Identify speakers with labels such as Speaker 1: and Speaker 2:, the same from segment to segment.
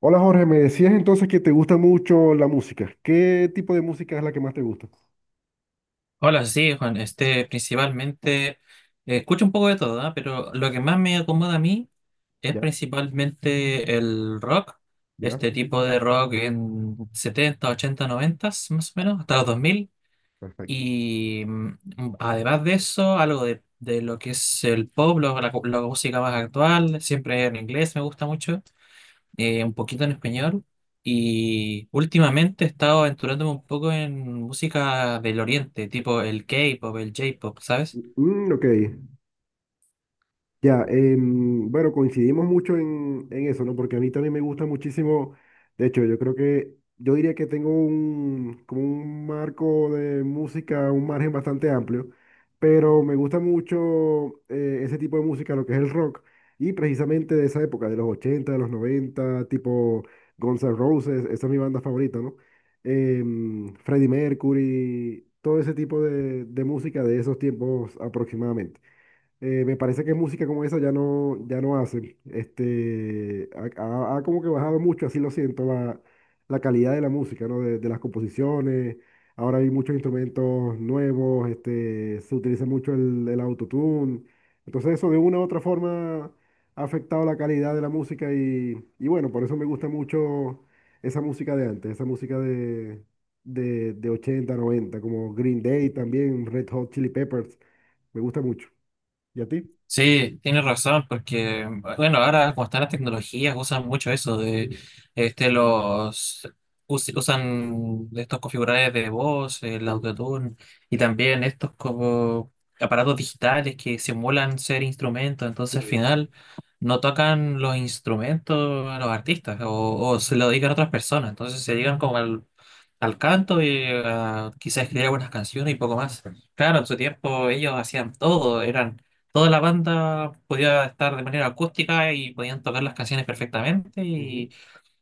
Speaker 1: Hola Jorge, me decías entonces que te gusta mucho la música. ¿Qué tipo de música es la que más te gusta?
Speaker 2: Hola, sí, Juan. Principalmente, escucho un poco de todo, ¿ah? Pero lo que más me acomoda a mí es
Speaker 1: Ya,
Speaker 2: principalmente el rock,
Speaker 1: ya,
Speaker 2: este tipo de rock en 70 80 90, más o menos, hasta los 2000.
Speaker 1: perfecto.
Speaker 2: Y además de eso, algo de, lo que es el pop, la, música más actual, siempre en inglés me gusta mucho, un poquito en español. Y últimamente he estado aventurándome un poco en música del oriente, tipo el K-pop, el J-pop, ¿sabes?
Speaker 1: Mm, ok, ya, bueno, coincidimos mucho en eso, ¿no? Porque a mí también me gusta muchísimo, de hecho, yo creo que, yo diría que tengo un, como un marco de música, un margen bastante amplio, pero me gusta mucho ese tipo de música, lo que es el rock, y precisamente de esa época, de los 80 de los 90 tipo Guns N' Roses, esa es mi banda favorita, ¿no? Freddie Mercury, todo ese tipo de música de esos tiempos aproximadamente. Me parece que música como esa ya no hacen. Este, ha como que bajado mucho, así lo siento, la calidad de la música, ¿no? De las composiciones. Ahora hay muchos instrumentos nuevos, este, se utiliza mucho el autotune. Entonces eso de una u otra forma ha afectado la calidad de la música y bueno, por eso me gusta mucho esa música de antes, esa música de 80 90 como Green Day también, Red Hot Chili Peppers, me gusta mucho. ¿Y a ti?
Speaker 2: Sí, tienes razón, porque bueno, ahora como están las tecnologías, usan mucho eso de este los usan estos configuradores de voz, el
Speaker 1: Sí,
Speaker 2: autotune, y también estos como aparatos digitales que simulan ser instrumentos. Entonces, al
Speaker 1: sí,
Speaker 2: final no tocan los instrumentos a los artistas, o, se lo dedican a otras personas. Entonces se dedican como al, canto y a quizás escribir algunas canciones y poco más. Claro, en su tiempo ellos hacían todo, eran toda la banda, podía estar de manera acústica y podían tocar las canciones perfectamente.
Speaker 1: ujú,
Speaker 2: Y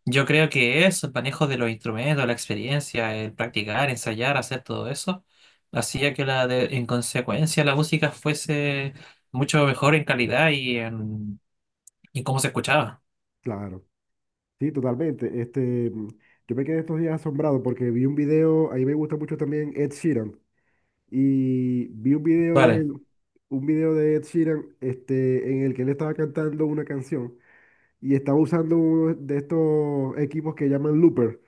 Speaker 2: yo creo que eso, el manejo de los instrumentos, la experiencia, el practicar, ensayar, hacer todo eso, hacía que en consecuencia la música fuese mucho mejor en calidad y cómo se escuchaba.
Speaker 1: claro, sí, totalmente. Este, mm, yo me quedé estos días asombrado porque vi un video, a mí me gusta mucho también Ed Sheeran, y vi un video de
Speaker 2: Vale,
Speaker 1: él, un video de Ed Sheeran, este, en el que él estaba cantando una canción y estaba usando uno de estos equipos que llaman looper.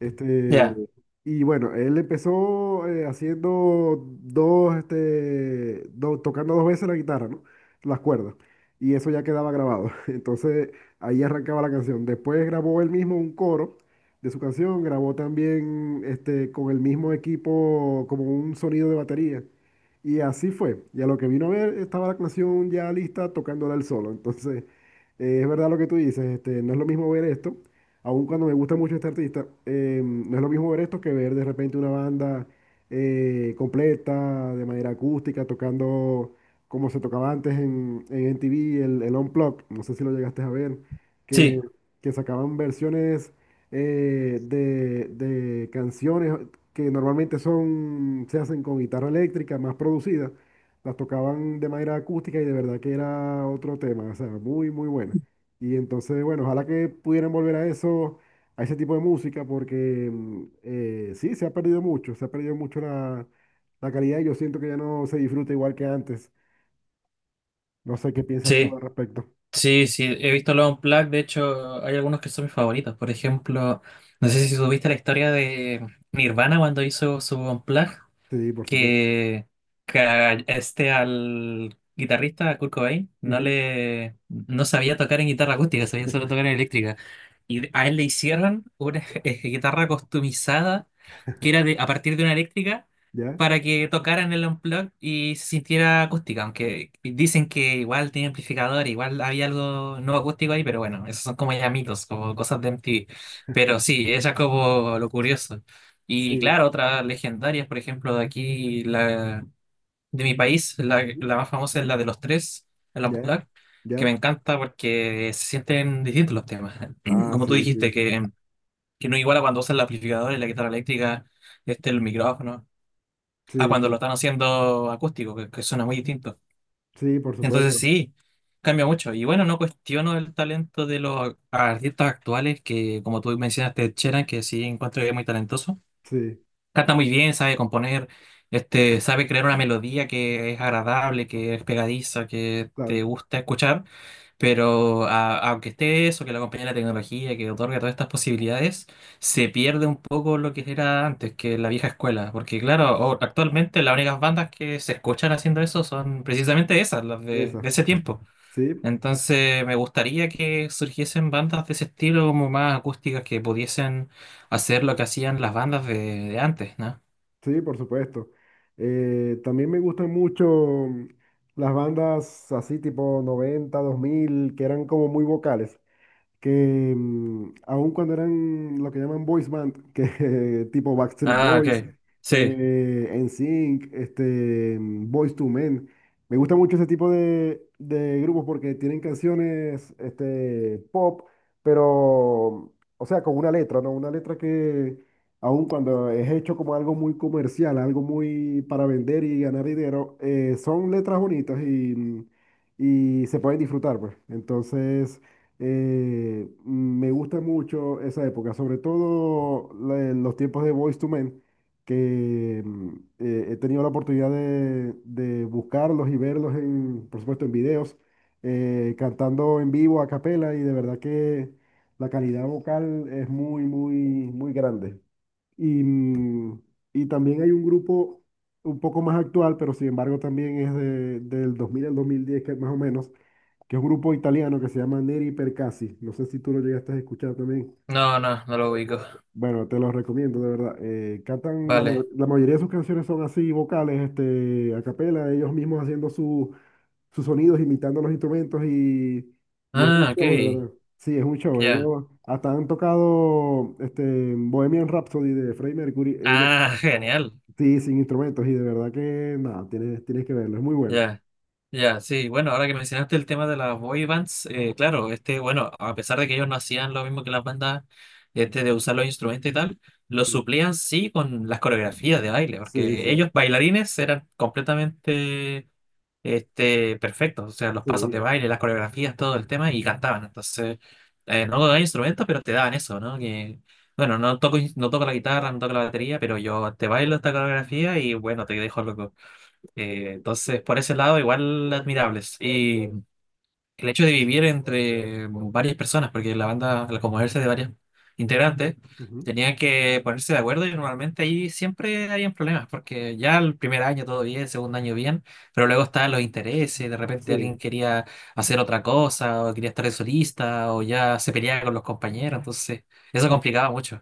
Speaker 1: Este,
Speaker 2: ya.
Speaker 1: y bueno, él empezó haciendo dos, tocando dos veces la guitarra, ¿no? Las cuerdas. Y eso ya quedaba grabado. Entonces ahí arrancaba la canción. Después grabó él mismo un coro de su canción, grabó también este, con el mismo equipo como un sonido de batería. Y así fue. Y a lo que vino a ver, estaba la canción ya lista tocándola él solo. Entonces, es verdad lo que tú dices, este, no es lo mismo ver esto aun cuando me gusta mucho este artista, no es lo mismo ver esto que ver de repente una banda completa, de manera acústica, tocando como se tocaba antes en MTV, el Unplugged, no sé si lo llegaste a ver,
Speaker 2: Sí,
Speaker 1: que, que sacaban versiones de canciones que normalmente son, se hacen con guitarra eléctrica, más producidas, las tocaban de manera acústica y de verdad que era otro tema, o sea, muy, muy buena. Y entonces, bueno, ojalá que pudieran volver a eso, a ese tipo de música, porque mm, sí, se ha perdido mucho, se ha perdido mucho la calidad y yo siento que ya no se disfruta igual que antes. No sé qué piensas tú
Speaker 2: sí.
Speaker 1: al respecto.
Speaker 2: Sí, sí, he visto los Unplugged, de hecho hay algunos que son mis favoritos. Por ejemplo, no sé si tuviste la historia de Nirvana cuando hizo su Unplugged,
Speaker 1: Sí, por supuesto.
Speaker 2: que, a este al guitarrista, a Kurt Cobain,
Speaker 1: Ujú,
Speaker 2: no sabía tocar en guitarra acústica, sabía solo tocar en eléctrica. Y a él le hicieron una guitarra customizada, que era a partir de una eléctrica,
Speaker 1: ¿ya?
Speaker 2: para que tocara en el unplugged y se sintiera acústica, aunque dicen que igual tenía amplificador, igual había algo no acústico ahí, pero bueno, esos son como ya mitos, como cosas de MTV. Pero sí, eso es como lo curioso. Y
Speaker 1: Sí.
Speaker 2: claro, otras legendarias, por ejemplo, de aquí, de mi país, la,
Speaker 1: Ujú,
Speaker 2: más famosa es la de los tres, el
Speaker 1: ¿ya?
Speaker 2: popular, que me
Speaker 1: ¿Ya?
Speaker 2: encanta porque se sienten distintos los temas.
Speaker 1: Ah,
Speaker 2: Como tú
Speaker 1: sí,
Speaker 2: dijiste,
Speaker 1: sí.
Speaker 2: que, no iguala cuando usan el amplificador y la guitarra eléctrica, el micrófono, a
Speaker 1: Sí,
Speaker 2: cuando lo
Speaker 1: sí.
Speaker 2: están haciendo acústico, que, suena muy distinto.
Speaker 1: Sí, por
Speaker 2: Entonces
Speaker 1: supuesto.
Speaker 2: sí, cambia mucho. Y bueno, no cuestiono el talento de los artistas actuales, que, como tú mencionaste, Cheran, que sí encuentro que es muy talentoso.
Speaker 1: Sí,
Speaker 2: Canta muy bien, sabe componer, sabe crear una melodía que es agradable, que es pegadiza, que te
Speaker 1: claro.
Speaker 2: gusta escuchar, pero aunque esté eso, que lo acompañe la tecnología, que otorga todas estas posibilidades, se pierde un poco lo que era antes, que la vieja escuela, porque claro, actualmente las únicas bandas que se escuchan haciendo eso son precisamente esas, las de,
Speaker 1: Esa.
Speaker 2: ese tiempo.
Speaker 1: Sí. Sí.
Speaker 2: Entonces me gustaría que surgiesen bandas de ese estilo, como más acústicas, que pudiesen hacer lo que hacían las bandas de, antes, ¿no?
Speaker 1: Sí, por supuesto. También me gustan mucho las bandas así tipo noventa, dos mil, que eran como muy vocales que mm, aun cuando eran lo que llaman boys band, que tipo Backstreet
Speaker 2: Ah, ok.
Speaker 1: Boys,
Speaker 2: Sí.
Speaker 1: NSYNC, este, mm, Boys to Men, me gusta mucho ese tipo de grupos porque tienen canciones este, pop, pero, o sea, con una letra, ¿no? Una letra que aun cuando es hecho como algo muy comercial, algo muy para vender y ganar dinero, son letras bonitas y, mm, y se pueden disfrutar, pues. Entonces... me gusta mucho esa época, sobre todo los tiempos de Boyz to Men, que mm, he tenido la oportunidad de buscarlos y verlos, en, por supuesto, en videos, cantando en vivo a capela, y de verdad que la calidad vocal es muy, muy, muy grande. Y, mm, y también hay un grupo un poco más actual, pero sin embargo también es del 2000 al 2010 que más o menos, que es un grupo italiano que se llama Neri Percassi. No sé si tú lo llegaste a escuchar también.
Speaker 2: No, no, no lo ubico.
Speaker 1: Bueno, te lo recomiendo, de verdad. Cantan,
Speaker 2: Vale.
Speaker 1: la mayoría de sus canciones son así, vocales, este, a capela, ellos mismos haciendo sus sonidos, imitando los instrumentos y es un
Speaker 2: Ah, ok.
Speaker 1: show, de verdad. Sí, es un show.
Speaker 2: Ya.
Speaker 1: Ellos hasta han tocado este, Bohemian Rhapsody de Freddie Mercury, ellos
Speaker 2: Ah, genial.
Speaker 1: sí, sin instrumentos y de verdad que nada, tienes que verlo, es muy bueno.
Speaker 2: Ya. Ya, sí, bueno, ahora que mencionaste el tema de las boy bands, claro, este, bueno, a pesar de que ellos no hacían lo mismo que las bandas, de usar los instrumentos y tal, lo suplían sí con las coreografías de baile,
Speaker 1: Sí, sí,
Speaker 2: porque
Speaker 1: sí.
Speaker 2: ellos bailarines eran completamente, perfectos, o sea, los pasos de
Speaker 1: Sí.
Speaker 2: baile, las coreografías, todo el tema, y cantaban. Entonces, no tocaba instrumentos, pero te daban eso, ¿no? Que, bueno, no toco, no toco la guitarra, no toco la batería, pero yo te bailo esta coreografía y bueno, te dejo loco. Entonces, por ese lado, igual admirables el hecho de vivir entre bueno, varias personas, porque la banda, al componerse de varios integrantes,
Speaker 1: Ujú,
Speaker 2: tenían que ponerse de acuerdo y normalmente ahí siempre habían problemas, porque ya el primer año todo bien, el segundo año bien, pero luego estaban los intereses, de repente
Speaker 1: sí.
Speaker 2: alguien quería hacer otra cosa, o quería estar de solista, o ya se peleaba con los compañeros, entonces eso complicaba mucho.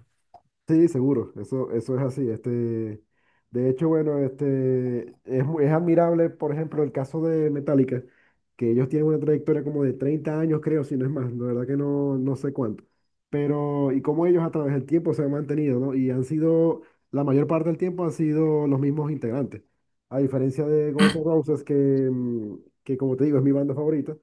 Speaker 1: Sí, seguro, eso es así. Este, de hecho, bueno, este, es, es admirable, por ejemplo, el caso de Metallica, que ellos tienen una trayectoria como de 30 años, creo, si no es más, la verdad que no, no sé cuánto. Pero, y cómo ellos a través del tiempo se han mantenido, ¿no? Y han sido, la mayor parte del tiempo han sido los mismos integrantes. A diferencia de Guns N' Roses, que, mm, que como te digo, es mi banda favorita,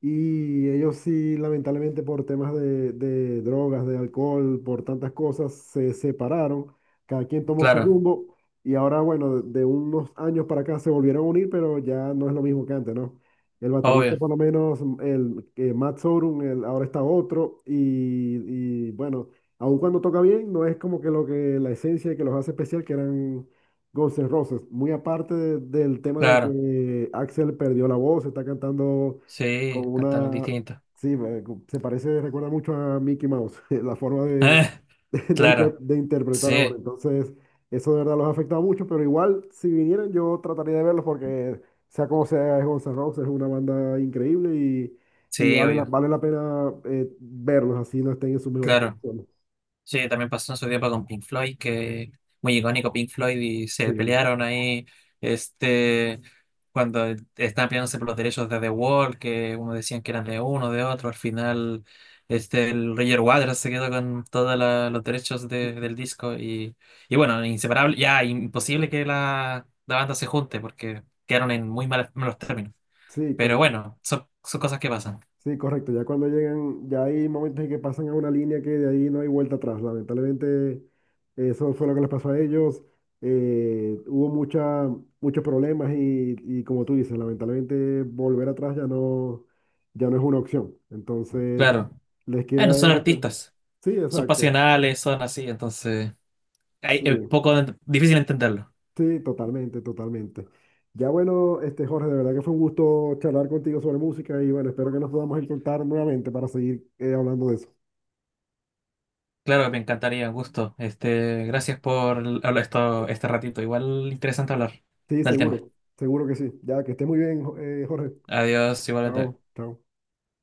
Speaker 1: y ellos sí, lamentablemente por temas de drogas, de alcohol, por tantas cosas, se separaron, cada quien tomó su
Speaker 2: Claro,
Speaker 1: rumbo y ahora, bueno, de unos años para acá se volvieron a unir, pero ya no es lo mismo que antes, ¿no? El baterista
Speaker 2: obvio,
Speaker 1: por lo menos, mm, Matt Sorum, ahora está otro y, bueno, aun cuando toca bien, no es como que lo que la esencia que los hace especial, que eran Guns N' Roses, muy aparte del tema de
Speaker 2: claro,
Speaker 1: que Axel perdió la voz, está cantando
Speaker 2: sí,
Speaker 1: con
Speaker 2: cantaban
Speaker 1: una...
Speaker 2: distinto.
Speaker 1: Sí, se parece, recuerda mucho a Mickey Mouse, la forma de,
Speaker 2: Claro,
Speaker 1: de interpretar ahora.
Speaker 2: sí,
Speaker 1: Entonces, eso de verdad los ha afectado mucho, pero igual, si vinieran, yo trataría de verlos porque, sea como sea, es Guns N' Roses, es una banda increíble y
Speaker 2: sí,
Speaker 1: vale
Speaker 2: obvio,
Speaker 1: vale la pena verlos, así no estén en sus mejores
Speaker 2: claro.
Speaker 1: condiciones.
Speaker 2: Sí, también pasó en su tiempo con Pink Floyd, que muy icónico Pink Floyd, y se
Speaker 1: Sí,
Speaker 2: pelearon ahí, este, cuando estaban peleándose por los derechos de The Wall, que uno decían que eran de uno, de otro, al final, el Roger Waters se quedó con todos los derechos del disco, y, bueno, inseparable, ya imposible que la, banda se junte, porque quedaron en muy malos, malos términos,
Speaker 1: sí,
Speaker 2: pero
Speaker 1: cuando,
Speaker 2: bueno, son, cosas que pasan.
Speaker 1: sí, correcto. Ya cuando llegan, ya hay momentos en que pasan a una línea que de ahí no hay vuelta atrás. Lamentablemente, eso fue lo que les pasó a ellos. Eh, hubo mucha, muchos problemas y como tú dices, lamentablemente volver atrás ya no, ya no es una opción. Entonces,
Speaker 2: Claro.
Speaker 1: les
Speaker 2: Bueno,
Speaker 1: queda
Speaker 2: son
Speaker 1: esto.
Speaker 2: artistas,
Speaker 1: Sí,
Speaker 2: son
Speaker 1: exacto.
Speaker 2: pasionales, son así, entonces. Ay,
Speaker 1: Sí,
Speaker 2: es poco difícil entenderlo.
Speaker 1: sí, totalmente, totalmente. Ya bueno, este Jorge, de verdad que fue un gusto charlar contigo sobre música y bueno, espero que nos podamos encontrar nuevamente para seguir hablando de eso.
Speaker 2: Claro, me encantaría, gusto. Gracias por hablar esto, este ratito. Igual interesante hablar
Speaker 1: Sí,
Speaker 2: del tema.
Speaker 1: seguro, seguro que sí. Ya, que esté muy bien, Jorge.
Speaker 2: Adiós, igualmente.
Speaker 1: Chao, chao.